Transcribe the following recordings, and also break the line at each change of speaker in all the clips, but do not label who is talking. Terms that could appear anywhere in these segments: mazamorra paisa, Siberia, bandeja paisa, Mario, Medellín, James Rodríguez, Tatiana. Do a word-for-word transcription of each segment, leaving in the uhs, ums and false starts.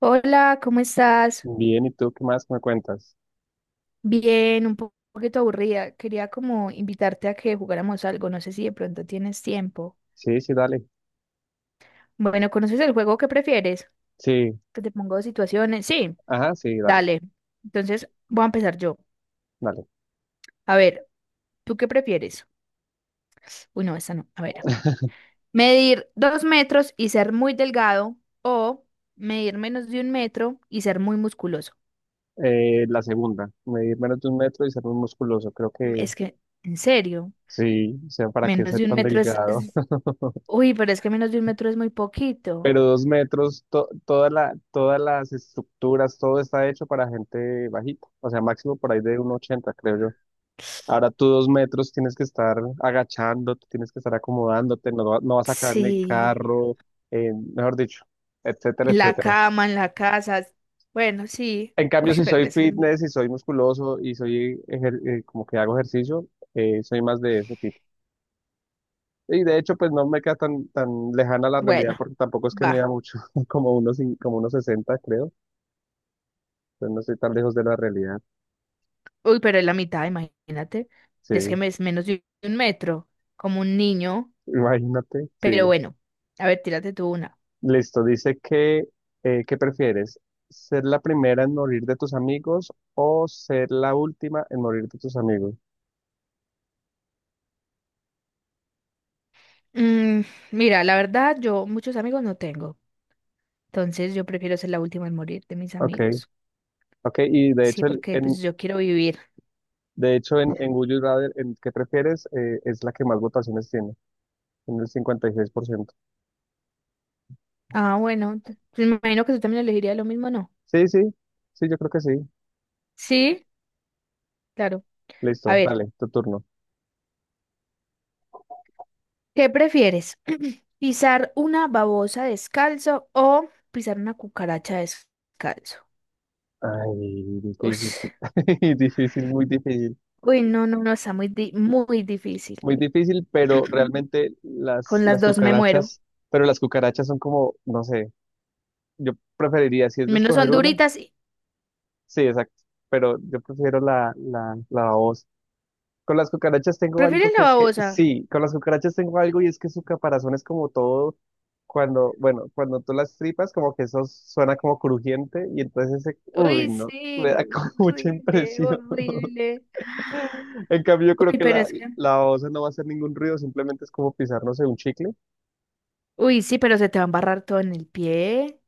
Hola, ¿cómo estás?
Bien, ¿y tú qué más me cuentas?
Bien, un po- poquito aburrida. Quería como invitarte a que jugáramos algo. No sé si de pronto tienes tiempo.
Sí, sí, dale.
Bueno, ¿conoces el juego que prefieres?
Sí,
Que te pongo situaciones. Sí,
ajá, sí, dale,
dale. Entonces voy a empezar yo.
dale.
A ver, ¿tú qué prefieres? Uy, no, esta no. A ver. Medir dos metros y ser muy delgado o medir menos de un metro y ser muy musculoso.
Eh, la segunda, medir menos de un metro y ser muy musculoso. Creo
Mm,
que
Es que, en serio,
sí, o sea, para qué
menos
ser
de un
tan
metro es...
delgado.
es- Uy, pero es que menos de un metro es muy poquito.
Pero dos metros, to- toda la, todas las estructuras, todo está hecho para gente bajita. O sea, máximo por ahí de uno ochenta creo yo. Ahora tú dos metros tienes que estar agachándote, tienes que estar acomodándote, no, va- no vas a caber en el
Sí,
carro, eh, mejor dicho, etcétera,
en la
etcétera.
cama, en la casa. Bueno, sí.
En cambio,
Uy,
si
pero
soy
eso es muy-
fitness, si soy musculoso y soy ejer- eh, como que hago ejercicio, eh, soy más de ese tipo. Y de hecho, pues no me queda tan, tan lejana la realidad
Bueno,
porque tampoco es que
va.
mida mucho, como unos, cin- como unos sesenta, creo. Entonces no estoy tan lejos de la realidad.
Uy, pero es la mitad, imagínate.
Sí,
Es que me- es menos de un metro, como un niño.
imagínate. Sí.
Pero bueno, a ver, tírate tú una.
Listo, dice que, eh, ¿qué prefieres? ¿Ser la primera en morir de tus amigos o ser la última en morir de tus amigos?
Mm, mira, la verdad, yo muchos amigos no tengo. Entonces yo prefiero ser la última en morir de mis
Ok,
amigos.
ok. Y de
Sí,
hecho, el,
porque pues
en,
yo quiero vivir.
De hecho, en, en Would You Rather, en ¿Qué prefieres? Eh, es la que más votaciones tiene, en el cincuenta y seis por ciento.
Ah, bueno, t- me imagino que tú también elegirías lo mismo, ¿no?
Sí, sí, sí, yo creo que sí.
Sí, claro. A
Listo,
ver.
dale, tu turno.
¿Qué prefieres? ¿Pisar una babosa descalzo o pisar una cucaracha descalzo?
Ay, difícil.
Ush.
Difícil, muy difícil.
Uy, no, no, no, está muy, di- muy difícil.
Muy difícil, pero realmente las,
Con las
las
dos me muero.
cucarachas, pero las cucarachas son como, no sé, yo preferiría, si es de
Menos
escoger
son
una,
duritas. y-
sí, exacto, pero yo prefiero la, la, la babosa. Con las cucarachas tengo
¿Prefieres
algo
la
que es que,
babosa?
sí, con las cucarachas tengo algo y es que su caparazón es como todo, cuando, bueno, cuando tú las tripas, como que eso suena como crujiente y entonces ese, uy,
Uy,
no, me da
sí.
como mucha
Horrible,
impresión.
horrible.
En cambio, yo creo
Uy,
que
pero
la,
es que...
la osa no va a hacer ningún ruido, simplemente es como pisar, no sé, un chicle.
Uy, sí, pero se te va a embarrar todo en el pie.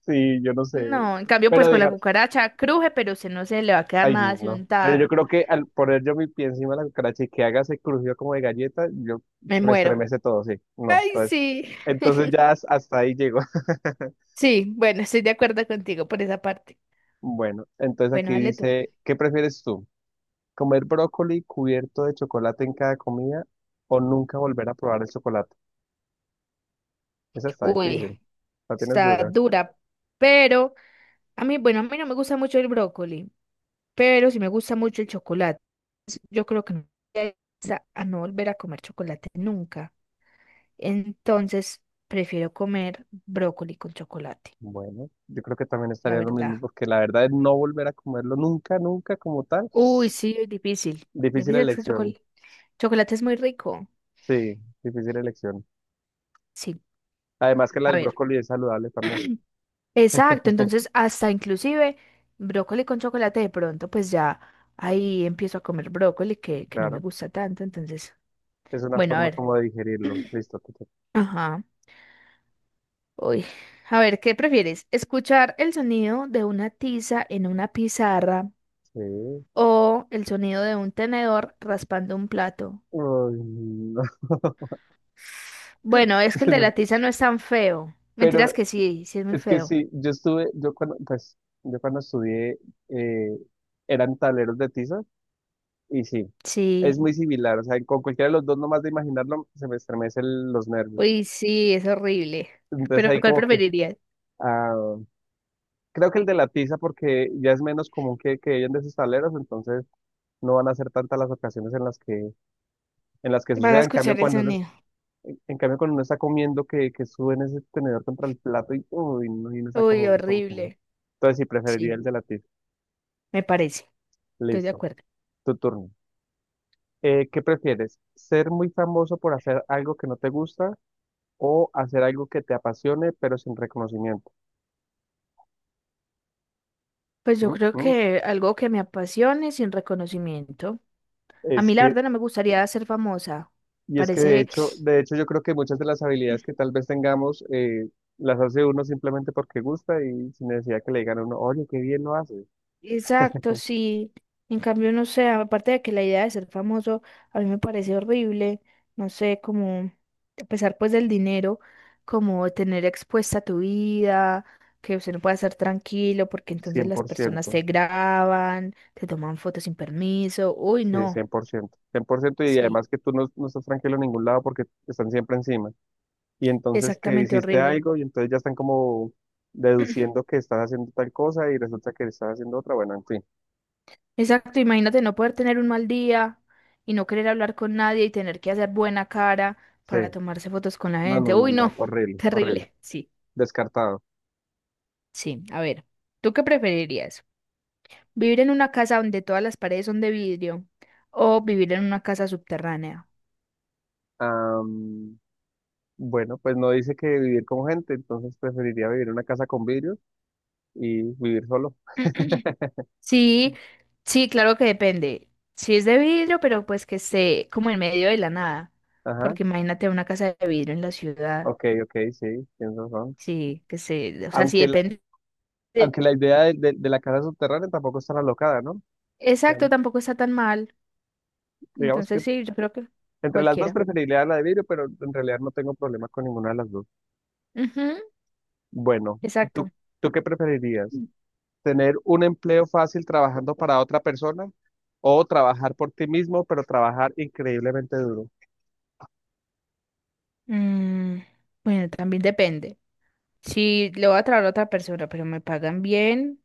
Sí, yo no sé.
No, en cambio, pues
Pero
con la
diga,
cucaracha cruje, pero se no se le va a quedar
ay,
nada así
no. Pero yo
untado.
creo que al poner yo mi pie encima de la cucaracha y que haga ese crujido como de galleta, yo
Me
se me
muero.
estremece todo, sí. No,
Ay,
entonces,
sí.
entonces ya has- hasta ahí llego.
Sí, bueno, estoy de acuerdo contigo por esa parte.
Bueno, entonces
Bueno,
aquí
dale tú.
dice, ¿qué prefieres tú? ¿Comer brócoli cubierto de chocolate en cada comida o nunca volver a probar el chocolate? Esa está
Uy,
difícil, la tienes
está
dura.
dura, pero a mí, bueno, a mí no me gusta mucho el brócoli, pero sí me gusta mucho el chocolate. Yo creo que no voy a a no volver a comer chocolate nunca. Entonces, prefiero comer brócoli con chocolate,
Bueno, yo creo que también
la
estaría lo
verdad.
mismo porque la verdad es no volver a comerlo nunca, nunca como tal.
Uy, sí, es difícil.
Difícil
Difícil es que el
elección,
chocolate. Chocolate es muy rico.
sí, difícil elección.
Sí,
Además que la
a
del
ver.
brócoli es saludable también,
Exacto, entonces hasta inclusive brócoli con chocolate de pronto, pues ya ahí empiezo a comer brócoli que, que no me
claro.
gusta tanto, entonces,
Es una
bueno, a
forma
ver,
como de digerirlo. Listo. que te-
ajá, uy, a ver, ¿qué prefieres? ¿Escuchar el sonido de una tiza en una pizarra
Sí.
o el sonido de un tenedor raspando un plato?
Ay, no.
Bueno, es que el de
No,
la tiza no es tan feo,
pero
mentiras que sí, sí es muy
es que
feo,
sí, yo estuve, yo cuando, pues, yo cuando estudié, eh, eran tableros de tiza y sí, es
sí,
muy similar. O sea, con cualquiera de los dos, nomás de imaginarlo, se me estremecen los nervios.
uy, sí, es horrible,
Entonces
pero
ahí
¿cuál
como que,
preferirías?
ah, creo que el de la tiza porque ya es menos común que, que hayan de esos tableros, entonces no van a ser tantas las ocasiones en las que en las que
Vas a
suceda. En cambio,
escuchar el
cuando uno, es-
sonido,
en cambio, cuando uno está comiendo, que, que suben ese tenedor contra el plato y, uy, no, y uno está
uy,
comiendo como que no.
horrible.
Entonces, sí, preferiría
Sí,
el de latir.
me parece, estoy de
Listo,
acuerdo.
tu turno. Eh, ¿qué prefieres? ¿Ser muy famoso por hacer algo que no te gusta o hacer algo que te apasione pero sin reconocimiento?
Pues yo
Mm,
creo
mm.
que algo que me apasione sin reconocimiento. A
Es
mí la
que,
verdad no me gustaría ser famosa.
y es que de
Parece
hecho, de hecho yo creo que muchas de las habilidades que tal vez tengamos, eh, las hace uno simplemente porque gusta y sin necesidad que le digan a uno, oye, qué bien lo haces,
exacto, sí. En cambio, no sé, aparte de que la idea de ser famoso a mí me parece horrible, no sé, como, a pesar pues del dinero, como tener expuesta tu vida, que usted no pueda estar tranquilo porque entonces
cien
las
por
personas
ciento
te graban, te toman fotos sin permiso. Uy,
Sí, cien
no,
cien por ciento cien por ciento, y
sí,
además que tú no, no estás tranquilo en ningún lado porque están siempre encima. Y entonces que
exactamente
hiciste
horrible.
algo y entonces ya están como deduciendo que estás haciendo tal cosa y resulta que estás haciendo otra. Bueno, en fin.
Exacto, imagínate no poder tener un mal día y no querer hablar con nadie y tener que hacer buena cara
Sí.
para tomarse fotos con la
No,
gente.
no, no,
Uy,
no.
no,
Horrible, horrible.
terrible. Sí,
Descartado.
sí. A ver, ¿tú qué preferirías? ¿Vivir en una casa donde todas las paredes son de vidrio o vivir en una casa subterránea?
Am, bueno, pues no dice que vivir con gente, entonces preferiría vivir en una casa con vidrios y vivir solo.
Sí, sí, claro que depende. Si es de vidrio, pero pues que esté como en medio de la nada,
Ajá.
porque imagínate una casa de vidrio en la ciudad.
Ok, ok, sí, tienes razón.
Sí, que se, o sea, sí
Aunque la,
depende.
aunque la idea de, de- de la casa subterránea tampoco es tan alocada, ¿no?
Exacto,
Digamos
tampoco está tan mal.
digamos que
Entonces sí, yo creo que
entre las dos
cualquiera.
preferiría la de vidrio, pero en realidad no tengo problema con ninguna de las dos.
Ujú.
Bueno, ¿tú,
Exacto.
tú qué preferirías? ¿Tener un empleo fácil trabajando para otra persona o trabajar por ti mismo, pero trabajar increíblemente duro?
Mm, bueno, también depende. Si le voy a traer a otra persona, pero me pagan bien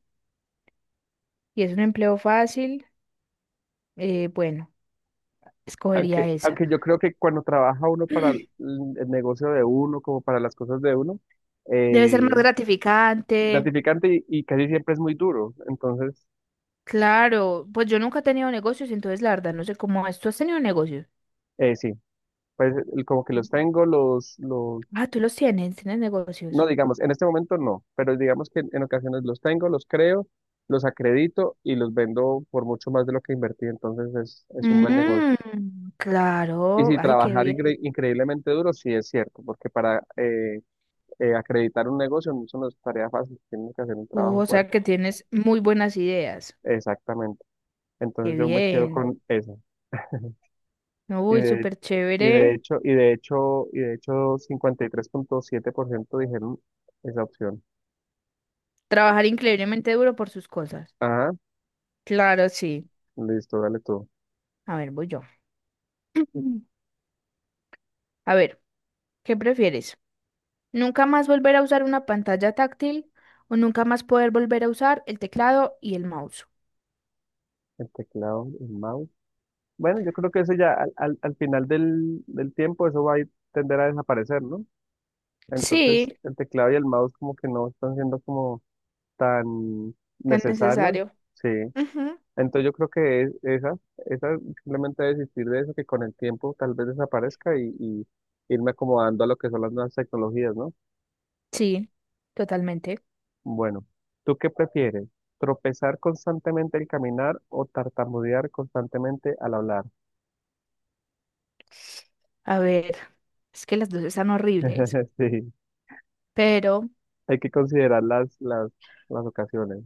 y es un empleo fácil, eh, bueno,
Aunque,
escogería esa.
aunque yo creo que cuando trabaja uno para el, el negocio de uno, como para las cosas de uno,
Debe ser más
eh,
gratificante.
gratificante y, y casi siempre es muy duro. Entonces,
Claro, pues yo nunca he tenido negocios, entonces la verdad no sé cómo es. ¿Tú has tenido negocios?
eh, sí, pues el- como que los tengo, los, los
Ah, tú los tienes, tienes
No,
negocios.
digamos, en este momento no, pero digamos que en, en ocasiones los tengo, los creo, los acredito y los vendo por mucho más de lo que invertí, entonces es, es un buen negocio.
Mm,
Y
claro,
si
ay, qué
trabajar
bien.
incre- increíblemente duro, sí es cierto, porque para eh, eh, acreditar un negocio no es una tarea fácil, tienes que hacer un
Uh,
trabajo
o sea
fuerte.
que tienes muy buenas ideas.
Exactamente.
Qué
Entonces yo me quedo
bien.
con eso. Y
Uy,
de,
súper
y de
chévere.
hecho, y de hecho, y de hecho, cincuenta y tres punto siete por ciento dijeron esa opción.
Trabajar increíblemente duro por sus cosas.
Ajá,
Claro, sí.
listo, dale tú.
A ver, voy yo. A ver, ¿qué prefieres? ¿Nunca más volver a usar una pantalla táctil o nunca más poder volver a usar el teclado y el mouse?
El teclado, el mouse. Bueno, yo creo que eso ya al, al- al final del, del tiempo, eso va a ir- tender a desaparecer, ¿no?
Sí,
Entonces, el teclado y el mouse como que no están siendo como tan
tan
necesarios,
necesario.
sí.
Ujú.
Entonces yo creo que es, esa, esa simplemente desistir de eso, que con el tiempo tal vez desaparezca y, y irme acomodando a lo que son las nuevas tecnologías, ¿no?
Sí, totalmente.
Bueno, ¿tú qué prefieres? ¿Tropezar constantemente al caminar o tartamudear constantemente al hablar?
A ver, es que las dos están horribles,
Sí.
pero
Hay que considerar las, las, las ocasiones.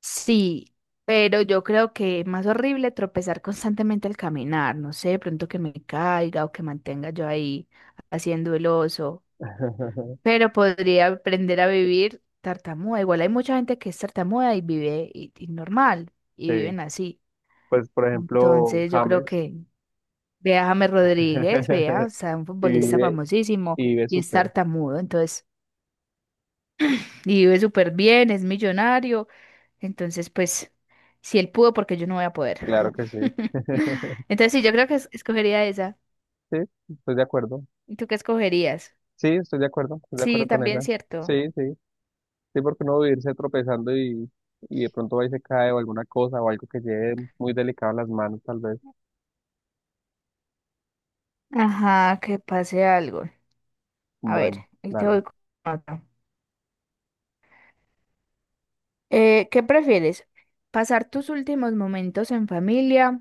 sí, pero yo creo que es más horrible tropezar constantemente al caminar, no sé, de pronto que me caiga o que mantenga yo ahí haciendo el oso, pero podría aprender a vivir tartamuda. Igual hay mucha gente que es tartamuda y vive y, y normal y
Sí,
viven así.
pues por ejemplo,
Entonces yo creo
James.
que vea a James Rodríguez, vea, o sea, un
Y
futbolista
vive,
famosísimo
y vive
y es
súper,
tartamudo, entonces, y vive súper bien, es millonario, entonces pues si él pudo, porque yo no voy a poder.
claro que sí.
Entonces sí, yo creo que es- escogería esa.
Sí, estoy de acuerdo.
¿Y tú qué escogerías?
Sí, estoy de acuerdo, estoy de
Sí,
acuerdo con
también
esa.
cierto.
Sí, sí, sí, porque uno va a irse tropezando y, y de pronto va y se cae o alguna cosa o algo que lleve muy delicado a las manos, tal vez.
Ajá, que pase algo. A ver,
Bueno,
ahí te
dale.
voy con otra. Eh, ¿qué prefieres? ¿Pasar tus últimos momentos en familia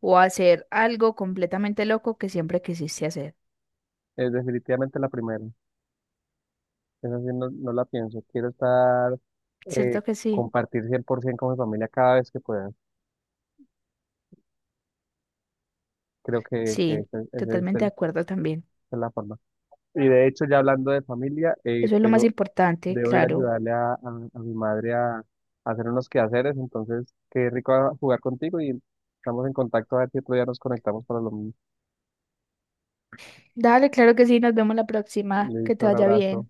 o hacer algo completamente loco que siempre quisiste hacer?
Es definitivamente la primera. Esa sí no, no la pienso. Quiero estar, eh,
¿Cierto que sí?
compartir cien por ciento con mi familia cada vez que pueda. Creo que, que
Sí,
ese- ese es
totalmente
el-
de
esa
acuerdo también.
es la forma. Y de hecho, ya hablando de familia, eh,
Eso es lo más
tengo,
importante,
debo ir a
claro.
ayudarle a, a, a mi madre a, a hacer unos quehaceres. Entonces, qué rico a- jugar contigo y estamos en contacto a ver si otro día nos conectamos para lo mismo.
Dale, claro que sí, nos vemos la próxima. Que
Listo,
te
un
vaya
abrazo.
bien.